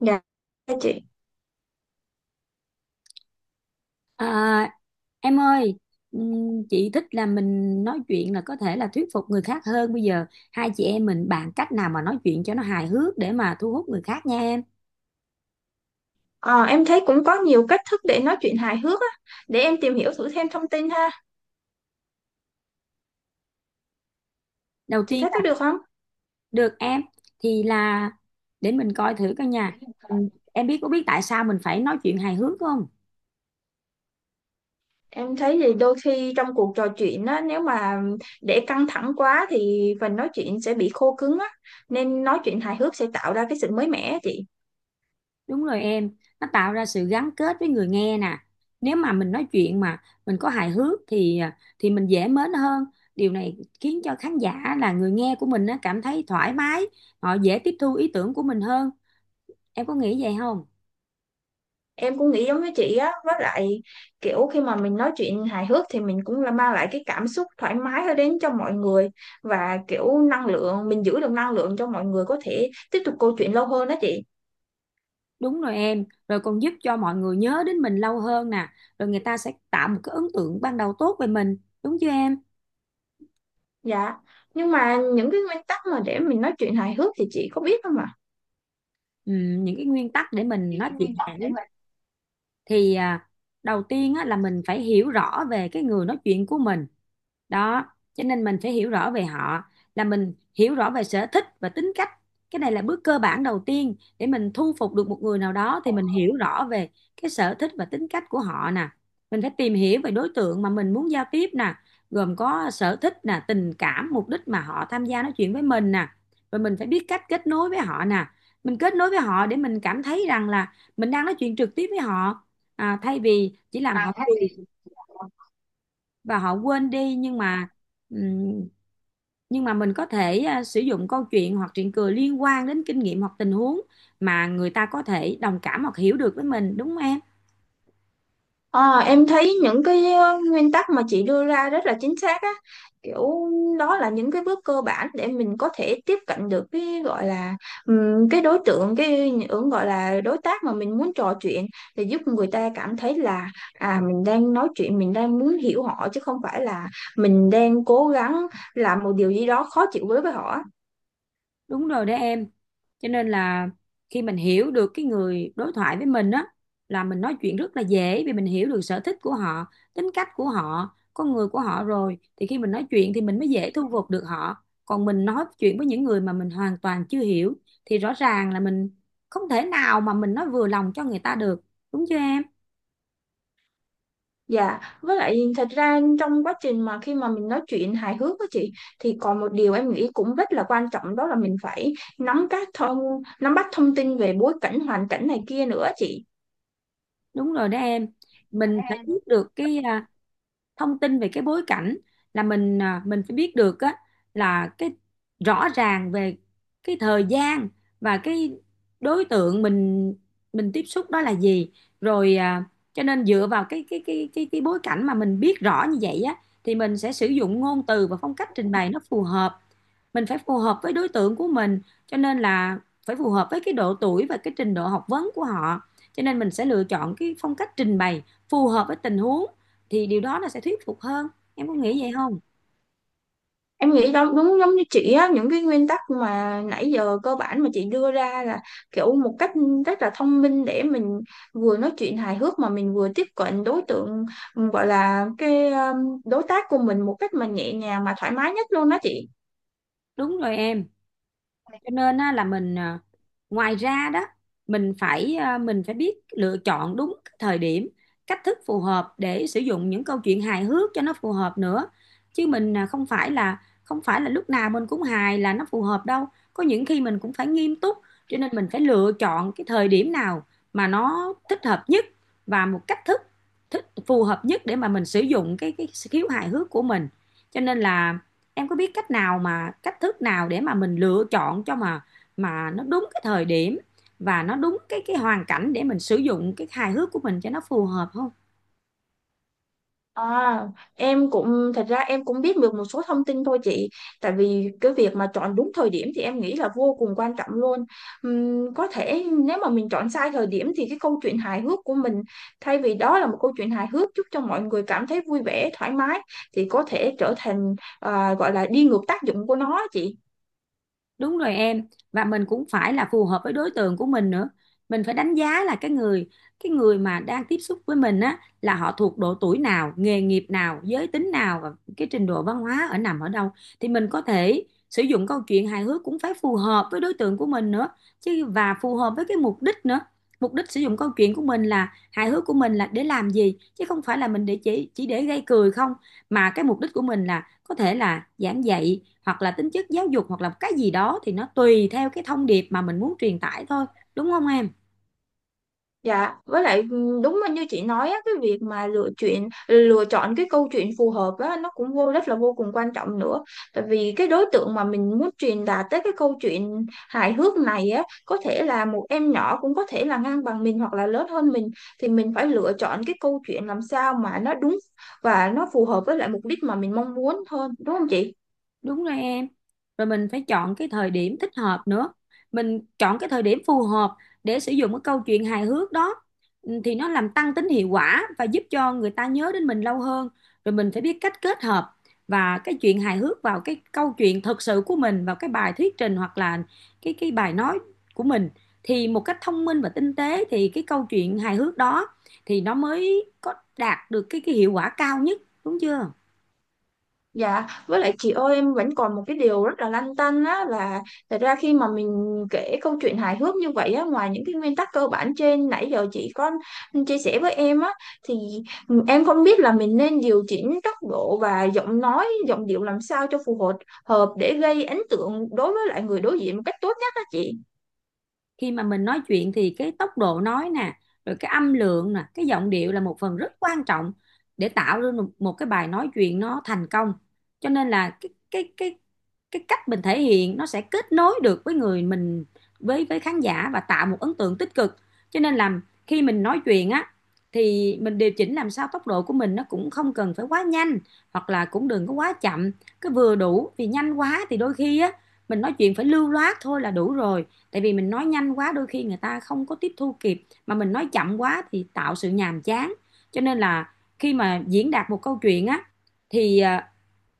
Dạ dạ chị. À, em ơi, chị thích là mình nói chuyện là có thể là thuyết phục người khác hơn. Bây giờ hai chị em mình bàn cách nào mà nói chuyện cho nó hài hước để mà thu hút người khác nha em. Ờ, em thấy cũng có nhiều cách thức để nói chuyện hài hước á. Để em tìm hiểu thử thêm thông tin ha. Đầu Chị tiên thấy có là được không? được em, thì là để mình coi thử coi nha. Em có biết tại sao mình phải nói chuyện hài hước không? Em thấy thì đôi khi trong cuộc trò chuyện á, nếu mà để căng thẳng quá thì phần nói chuyện sẽ bị khô cứng á. Nên nói chuyện hài hước sẽ tạo ra cái sự mới mẻ á chị. Đúng rồi em, nó tạo ra sự gắn kết với người nghe nè. Nếu mà mình nói chuyện mà mình có hài hước thì mình dễ mến hơn. Điều này khiến cho khán giả là người nghe của mình á, cảm thấy thoải mái, họ dễ tiếp thu ý tưởng của mình hơn. Em có nghĩ vậy không? Em cũng nghĩ giống với chị á, với lại kiểu khi mà mình nói chuyện hài hước thì mình cũng là mang lại cái cảm xúc thoải mái đến cho mọi người, và kiểu năng lượng, mình giữ được năng lượng cho mọi người có thể tiếp tục câu chuyện lâu hơn đó chị. Đúng rồi em, rồi còn giúp cho mọi người nhớ đến mình lâu hơn nè, rồi người ta sẽ tạo một cái ấn tượng ban đầu tốt về mình, đúng chưa em? Dạ, nhưng mà những cái nguyên tắc mà để mình nói chuyện hài hước thì chị có biết không ạ? Những cái nguyên tắc để mình Những nói cái chuyện nguyên hài tắc để hước, mà thì à, đầu tiên á, là mình phải hiểu rõ về cái người nói chuyện của mình đó, cho nên mình phải hiểu rõ về họ, là mình hiểu rõ về sở thích và tính cách. Cái này là bước cơ bản đầu tiên để mình thu phục được một người nào đó, thì mình hiểu rõ về cái sở thích và tính cách của họ nè, mình phải tìm hiểu về đối tượng mà mình muốn giao tiếp nè, gồm có sở thích nè, tình cảm, mục đích mà họ tham gia nói chuyện với mình nè, rồi mình phải biết cách kết nối với họ nè, mình kết nối với họ để mình cảm thấy rằng là mình đang nói chuyện trực tiếp với họ, thay vì chỉ làm họ à, cười và họ quên đi. Nhưng mà ừm, nhưng mà mình có thể sử dụng câu chuyện hoặc chuyện cười liên quan đến kinh nghiệm hoặc tình huống mà người ta có thể đồng cảm hoặc hiểu được với mình, đúng không em? ờ, em thấy những cái nguyên tắc mà chị đưa ra rất là chính xác á, kiểu đó là những cái bước cơ bản để mình có thể tiếp cận được cái gọi là, cái đối tượng, cái ứng gọi là đối tác mà mình muốn trò chuyện, để giúp người ta cảm thấy là à mình đang nói chuyện, mình đang muốn hiểu họ chứ không phải là mình đang cố gắng làm một điều gì đó khó chịu với họ á. Đúng rồi đấy em, cho nên là khi mình hiểu được cái người đối thoại với mình á, là mình nói chuyện rất là dễ, vì mình hiểu được sở thích của họ, tính cách của họ, con người của họ rồi, thì khi mình nói chuyện thì mình mới dễ thu phục được họ. Còn mình nói chuyện với những người mà mình hoàn toàn chưa hiểu thì rõ ràng là mình không thể nào mà mình nói vừa lòng cho người ta được, đúng chưa em? Dạ, với lại thật ra trong quá trình mà khi mà mình nói chuyện hài hước á chị, thì còn một điều em nghĩ cũng rất là quan trọng, đó là mình phải nắm các thông nắm bắt thông tin về bối cảnh, hoàn cảnh này kia nữa chị. Đúng rồi đó em, mình phải biết được cái thông tin về cái bối cảnh, là mình mình phải biết được á, là cái rõ ràng về cái thời gian và cái đối tượng mình tiếp xúc đó là gì. rồi à, cho nên dựa vào cái bối cảnh mà mình biết rõ như vậy á, thì mình sẽ sử dụng ngôn từ và phong cách trình bày nó phù hợp, mình phải phù hợp với đối tượng của mình, cho nên là phải phù hợp với cái độ tuổi và cái trình độ học vấn của họ, cho nên mình sẽ lựa chọn cái phong cách trình bày phù hợp với tình huống, thì điều đó nó sẽ thuyết phục hơn, em có nghĩ vậy không? Em nghĩ đó đúng giống như chị á, những cái nguyên tắc mà nãy giờ cơ bản mà chị đưa ra là kiểu một cách rất là thông minh để mình vừa nói chuyện hài hước mà mình vừa tiếp cận đối tượng, gọi là cái đối tác của mình một cách mà nhẹ nhàng mà thoải mái nhất luôn đó chị. Đúng rồi em. Cho nên á, là mình ngoài ra đó mình phải mình phải biết lựa chọn đúng cái thời điểm, cách thức phù hợp để sử dụng những câu chuyện hài hước cho nó phù hợp nữa, chứ mình không phải là lúc nào mình cũng hài là nó phù hợp đâu, có những khi mình cũng phải nghiêm túc, cho nên mình phải lựa chọn cái thời điểm nào mà nó thích hợp nhất và một cách thức thích phù hợp nhất để mà mình sử dụng cái khiếu hài hước của mình. Cho nên là em có biết cách nào mà cách thức nào để mà mình lựa chọn cho mà nó đúng cái thời điểm và nó đúng cái hoàn cảnh để mình sử dụng cái hài hước của mình cho nó phù hợp không? À, em cũng thật ra em cũng biết được một số thông tin thôi chị. Tại vì cái việc mà chọn đúng thời điểm thì em nghĩ là vô cùng quan trọng luôn. Có thể nếu mà mình chọn sai thời điểm thì cái câu chuyện hài hước của mình, thay vì đó là một câu chuyện hài hước giúp cho mọi người cảm thấy vui vẻ thoải mái, thì có thể trở thành gọi là đi ngược tác dụng của nó á chị. Đúng rồi em, và mình cũng phải là phù hợp với đối tượng của mình nữa, mình phải đánh giá là cái người mà đang tiếp xúc với mình á, là họ thuộc độ tuổi nào, nghề nghiệp nào, giới tính nào và cái trình độ văn hóa ở nằm ở đâu, thì mình có thể sử dụng câu chuyện hài hước cũng phải phù hợp với đối tượng của mình nữa chứ, và phù hợp với cái mục đích nữa. Mục đích sử dụng câu chuyện của mình là hài hước của mình là để làm gì, chứ không phải là mình để chỉ để gây cười không, mà cái mục đích của mình là có thể là giảng dạy hoặc là tính chất giáo dục hoặc là cái gì đó, thì nó tùy theo cái thông điệp mà mình muốn truyền tải thôi, đúng không em? Dạ, với lại ừ, đúng như chị nói á, cái việc mà lựa chọn cái câu chuyện phù hợp á, nó cũng vô rất là vô cùng quan trọng nữa. Tại vì cái đối tượng mà mình muốn truyền đạt tới cái câu chuyện hài hước này á, có thể là một em nhỏ, cũng có thể là ngang bằng mình, hoặc là lớn hơn mình, thì mình phải lựa chọn cái câu chuyện làm sao mà nó đúng và nó phù hợp với lại mục đích mà mình mong muốn hơn, đúng không chị? Đúng rồi em. Rồi mình phải chọn cái thời điểm thích hợp nữa. Mình chọn cái thời điểm phù hợp để sử dụng cái câu chuyện hài hước đó. Ừ, thì nó làm tăng tính hiệu quả và giúp cho người ta nhớ đến mình lâu hơn. Rồi mình phải biết cách kết hợp và cái chuyện hài hước vào cái câu chuyện thật sự của mình, vào cái bài thuyết trình hoặc là cái bài nói của mình. Thì một cách thông minh và tinh tế thì cái câu chuyện hài hước đó thì nó mới có đạt được cái hiệu quả cao nhất, đúng chưa? Dạ, với lại chị ơi, em vẫn còn một cái điều rất là lăn tăn á, là thật ra khi mà mình kể câu chuyện hài hước như vậy á, ngoài những cái nguyên tắc cơ bản trên nãy giờ chị có chia sẻ với em á, thì em không biết là mình nên điều chỉnh tốc độ và giọng nói, giọng điệu làm sao cho phù hợp hợp để gây ấn tượng đối với lại người đối diện một cách tốt nhất á chị. Khi mà mình nói chuyện thì cái tốc độ nói nè, rồi cái âm lượng nè, cái giọng điệu là một phần rất quan trọng để tạo ra một cái bài nói chuyện nó thành công, cho nên là cái cách mình thể hiện nó sẽ kết nối được với người mình, với khán giả và tạo một ấn tượng tích cực, cho nên là khi mình nói chuyện á, thì mình điều chỉnh làm sao tốc độ của mình nó cũng không cần phải quá nhanh hoặc là cũng đừng có quá chậm, cứ vừa đủ, vì nhanh quá thì đôi khi á mình nói chuyện phải lưu loát thôi là đủ rồi, tại vì mình nói nhanh quá đôi khi người ta không có tiếp thu kịp, mà mình nói chậm quá thì tạo sự nhàm chán. Cho nên là khi mà diễn đạt một câu chuyện á, thì à,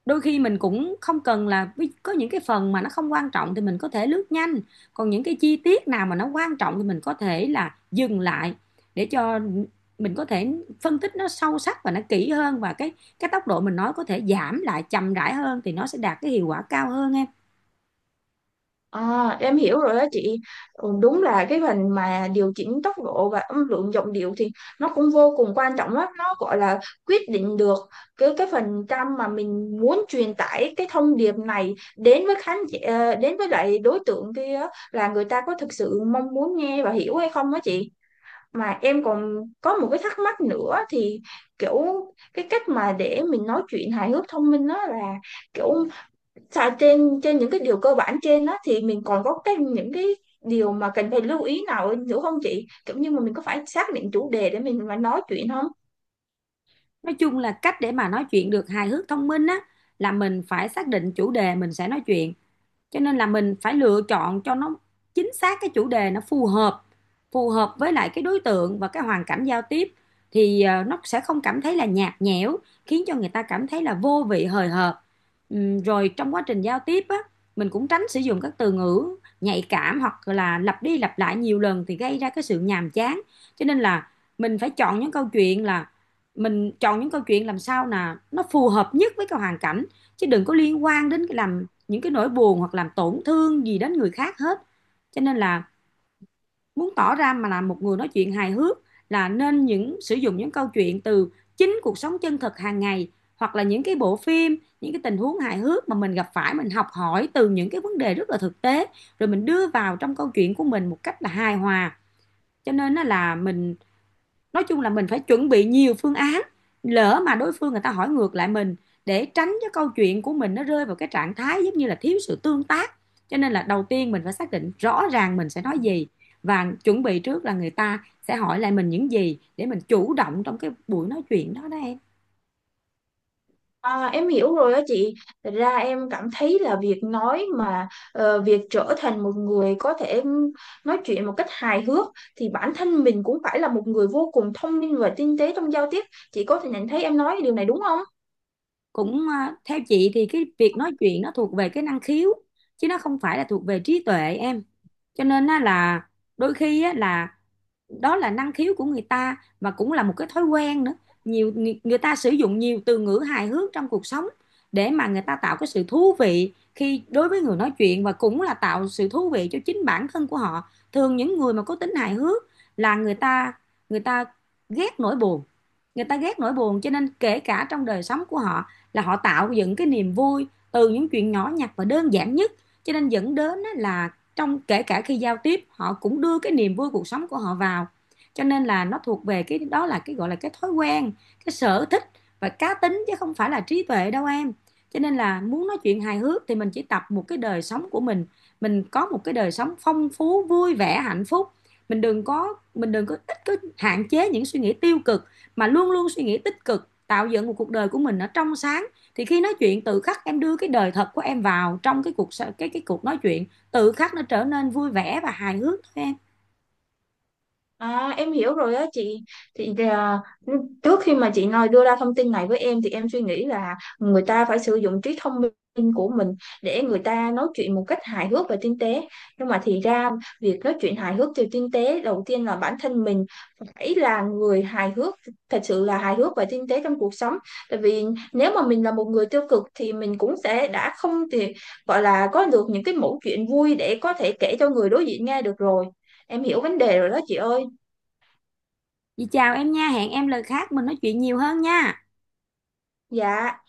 đôi khi mình cũng không cần là có những cái phần mà nó không quan trọng thì mình có thể lướt nhanh, còn những cái chi tiết nào mà nó quan trọng thì mình có thể là dừng lại để cho mình có thể phân tích nó sâu sắc và nó kỹ hơn, và cái tốc độ mình nói có thể giảm lại chậm rãi hơn thì nó sẽ đạt cái hiệu quả cao hơn em. À, em hiểu rồi đó chị. Ừ, đúng là cái phần mà điều chỉnh tốc độ và âm lượng giọng điệu thì nó cũng vô cùng quan trọng lắm. Nó gọi là quyết định được cái phần trăm mà mình muốn truyền tải cái thông điệp này đến với khán giả, ờ, đến với lại đối tượng kia là người ta có thực sự mong muốn nghe và hiểu hay không đó chị. Mà em còn có một cái thắc mắc nữa thì kiểu, cái cách mà để mình nói chuyện hài hước thông minh đó là kiểu, dạ, trên trên những cái điều cơ bản trên đó thì mình còn có cái những cái điều mà cần phải lưu ý nào nữa không chị? Kiểu như mà mình có phải xác định chủ đề để mình mà nói chuyện không? Nói chung là cách để mà nói chuyện được hài hước thông minh á, là mình phải xác định chủ đề mình sẽ nói chuyện, cho nên là mình phải lựa chọn cho nó chính xác cái chủ đề nó phù hợp, phù hợp với lại cái đối tượng và cái hoàn cảnh giao tiếp, nó sẽ không cảm thấy là nhạt nhẽo, khiến cho người ta cảm thấy là vô vị hời hợt. Rồi trong quá trình giao tiếp á, mình cũng tránh sử dụng các từ ngữ nhạy cảm hoặc là lặp đi lặp lại nhiều lần thì gây ra cái sự nhàm chán, cho nên là mình phải chọn những câu chuyện là mình chọn những câu chuyện làm sao là nó phù hợp nhất với cái hoàn cảnh, chứ đừng có liên quan đến cái làm những cái nỗi buồn hoặc làm tổn thương gì đến người khác hết. Cho nên là muốn tỏ ra mà là một người nói chuyện hài hước là nên những sử dụng những câu chuyện từ chính cuộc sống chân thực hàng ngày, hoặc là những cái bộ phim, những cái tình huống hài hước mà mình gặp phải, mình học hỏi từ những cái vấn đề rất là thực tế, rồi mình đưa vào trong câu chuyện của mình một cách là hài hòa. Cho nên á là mình nói chung là mình phải chuẩn bị nhiều phương án, lỡ mà đối phương người ta hỏi ngược lại mình, để tránh cái câu chuyện của mình nó rơi vào cái trạng thái giống như là thiếu sự tương tác, cho nên là đầu tiên mình phải xác định rõ ràng mình sẽ nói gì và chuẩn bị trước là người ta sẽ hỏi lại mình những gì để mình chủ động trong cái buổi nói chuyện đó đó em. À, em hiểu rồi đó chị. Thật ra em cảm thấy là việc nói mà ờ, việc trở thành một người có thể nói chuyện một cách hài hước thì bản thân mình cũng phải là một người vô cùng thông minh và tinh tế trong giao tiếp. Chị có thể nhận thấy em nói điều này đúng không? Theo chị thì cái việc nói chuyện nó thuộc về cái năng khiếu chứ nó không phải là thuộc về trí tuệ em, cho nên là đôi khi là đó là năng khiếu của người ta và cũng là một cái thói quen nữa, nhiều người, ta sử dụng nhiều từ ngữ hài hước trong cuộc sống để mà người ta tạo cái sự thú vị khi đối với người nói chuyện và cũng là tạo sự thú vị cho chính bản thân của họ. Thường những người mà có tính hài hước là người ta ghét nỗi buồn, người ta ghét nỗi buồn, cho nên kể cả trong đời sống của họ là họ tạo dựng cái niềm vui từ những chuyện nhỏ nhặt và đơn giản nhất, cho nên dẫn đến là trong kể cả khi giao tiếp họ cũng đưa cái niềm vui cuộc sống của họ vào, cho nên là nó thuộc về cái đó, là cái gọi là cái thói quen, cái sở thích và cá tính chứ không phải là trí tuệ đâu em. Cho nên là muốn nói chuyện hài hước thì mình chỉ tập một cái đời sống của mình có một cái đời sống phong phú vui vẻ hạnh phúc, mình đừng có ít, cứ hạn chế những suy nghĩ tiêu cực mà luôn luôn suy nghĩ tích cực, tạo dựng một cuộc đời của mình nó trong sáng, thì khi nói chuyện tự khắc em đưa cái đời thật của em vào trong cái cuộc, cái cuộc nói chuyện, tự khắc nó trở nên vui vẻ và hài hước thôi em. À, em hiểu rồi á chị, thì trước khi mà chị nói đưa ra thông tin này với em thì em suy nghĩ là người ta phải sử dụng trí thông minh của mình để người ta nói chuyện một cách hài hước và tinh tế, nhưng mà thì ra việc nói chuyện hài hước và tinh tế đầu tiên là bản thân mình phải là người hài hước, thật sự là hài hước và tinh tế trong cuộc sống. Tại vì nếu mà mình là một người tiêu cực thì mình cũng sẽ đã không thì gọi là có được những cái mẩu chuyện vui để có thể kể cho người đối diện nghe được rồi. Em hiểu vấn đề rồi đó chị ơi. Vậy chào em nha, hẹn em lần khác mình nói chuyện nhiều hơn nha. Dạ.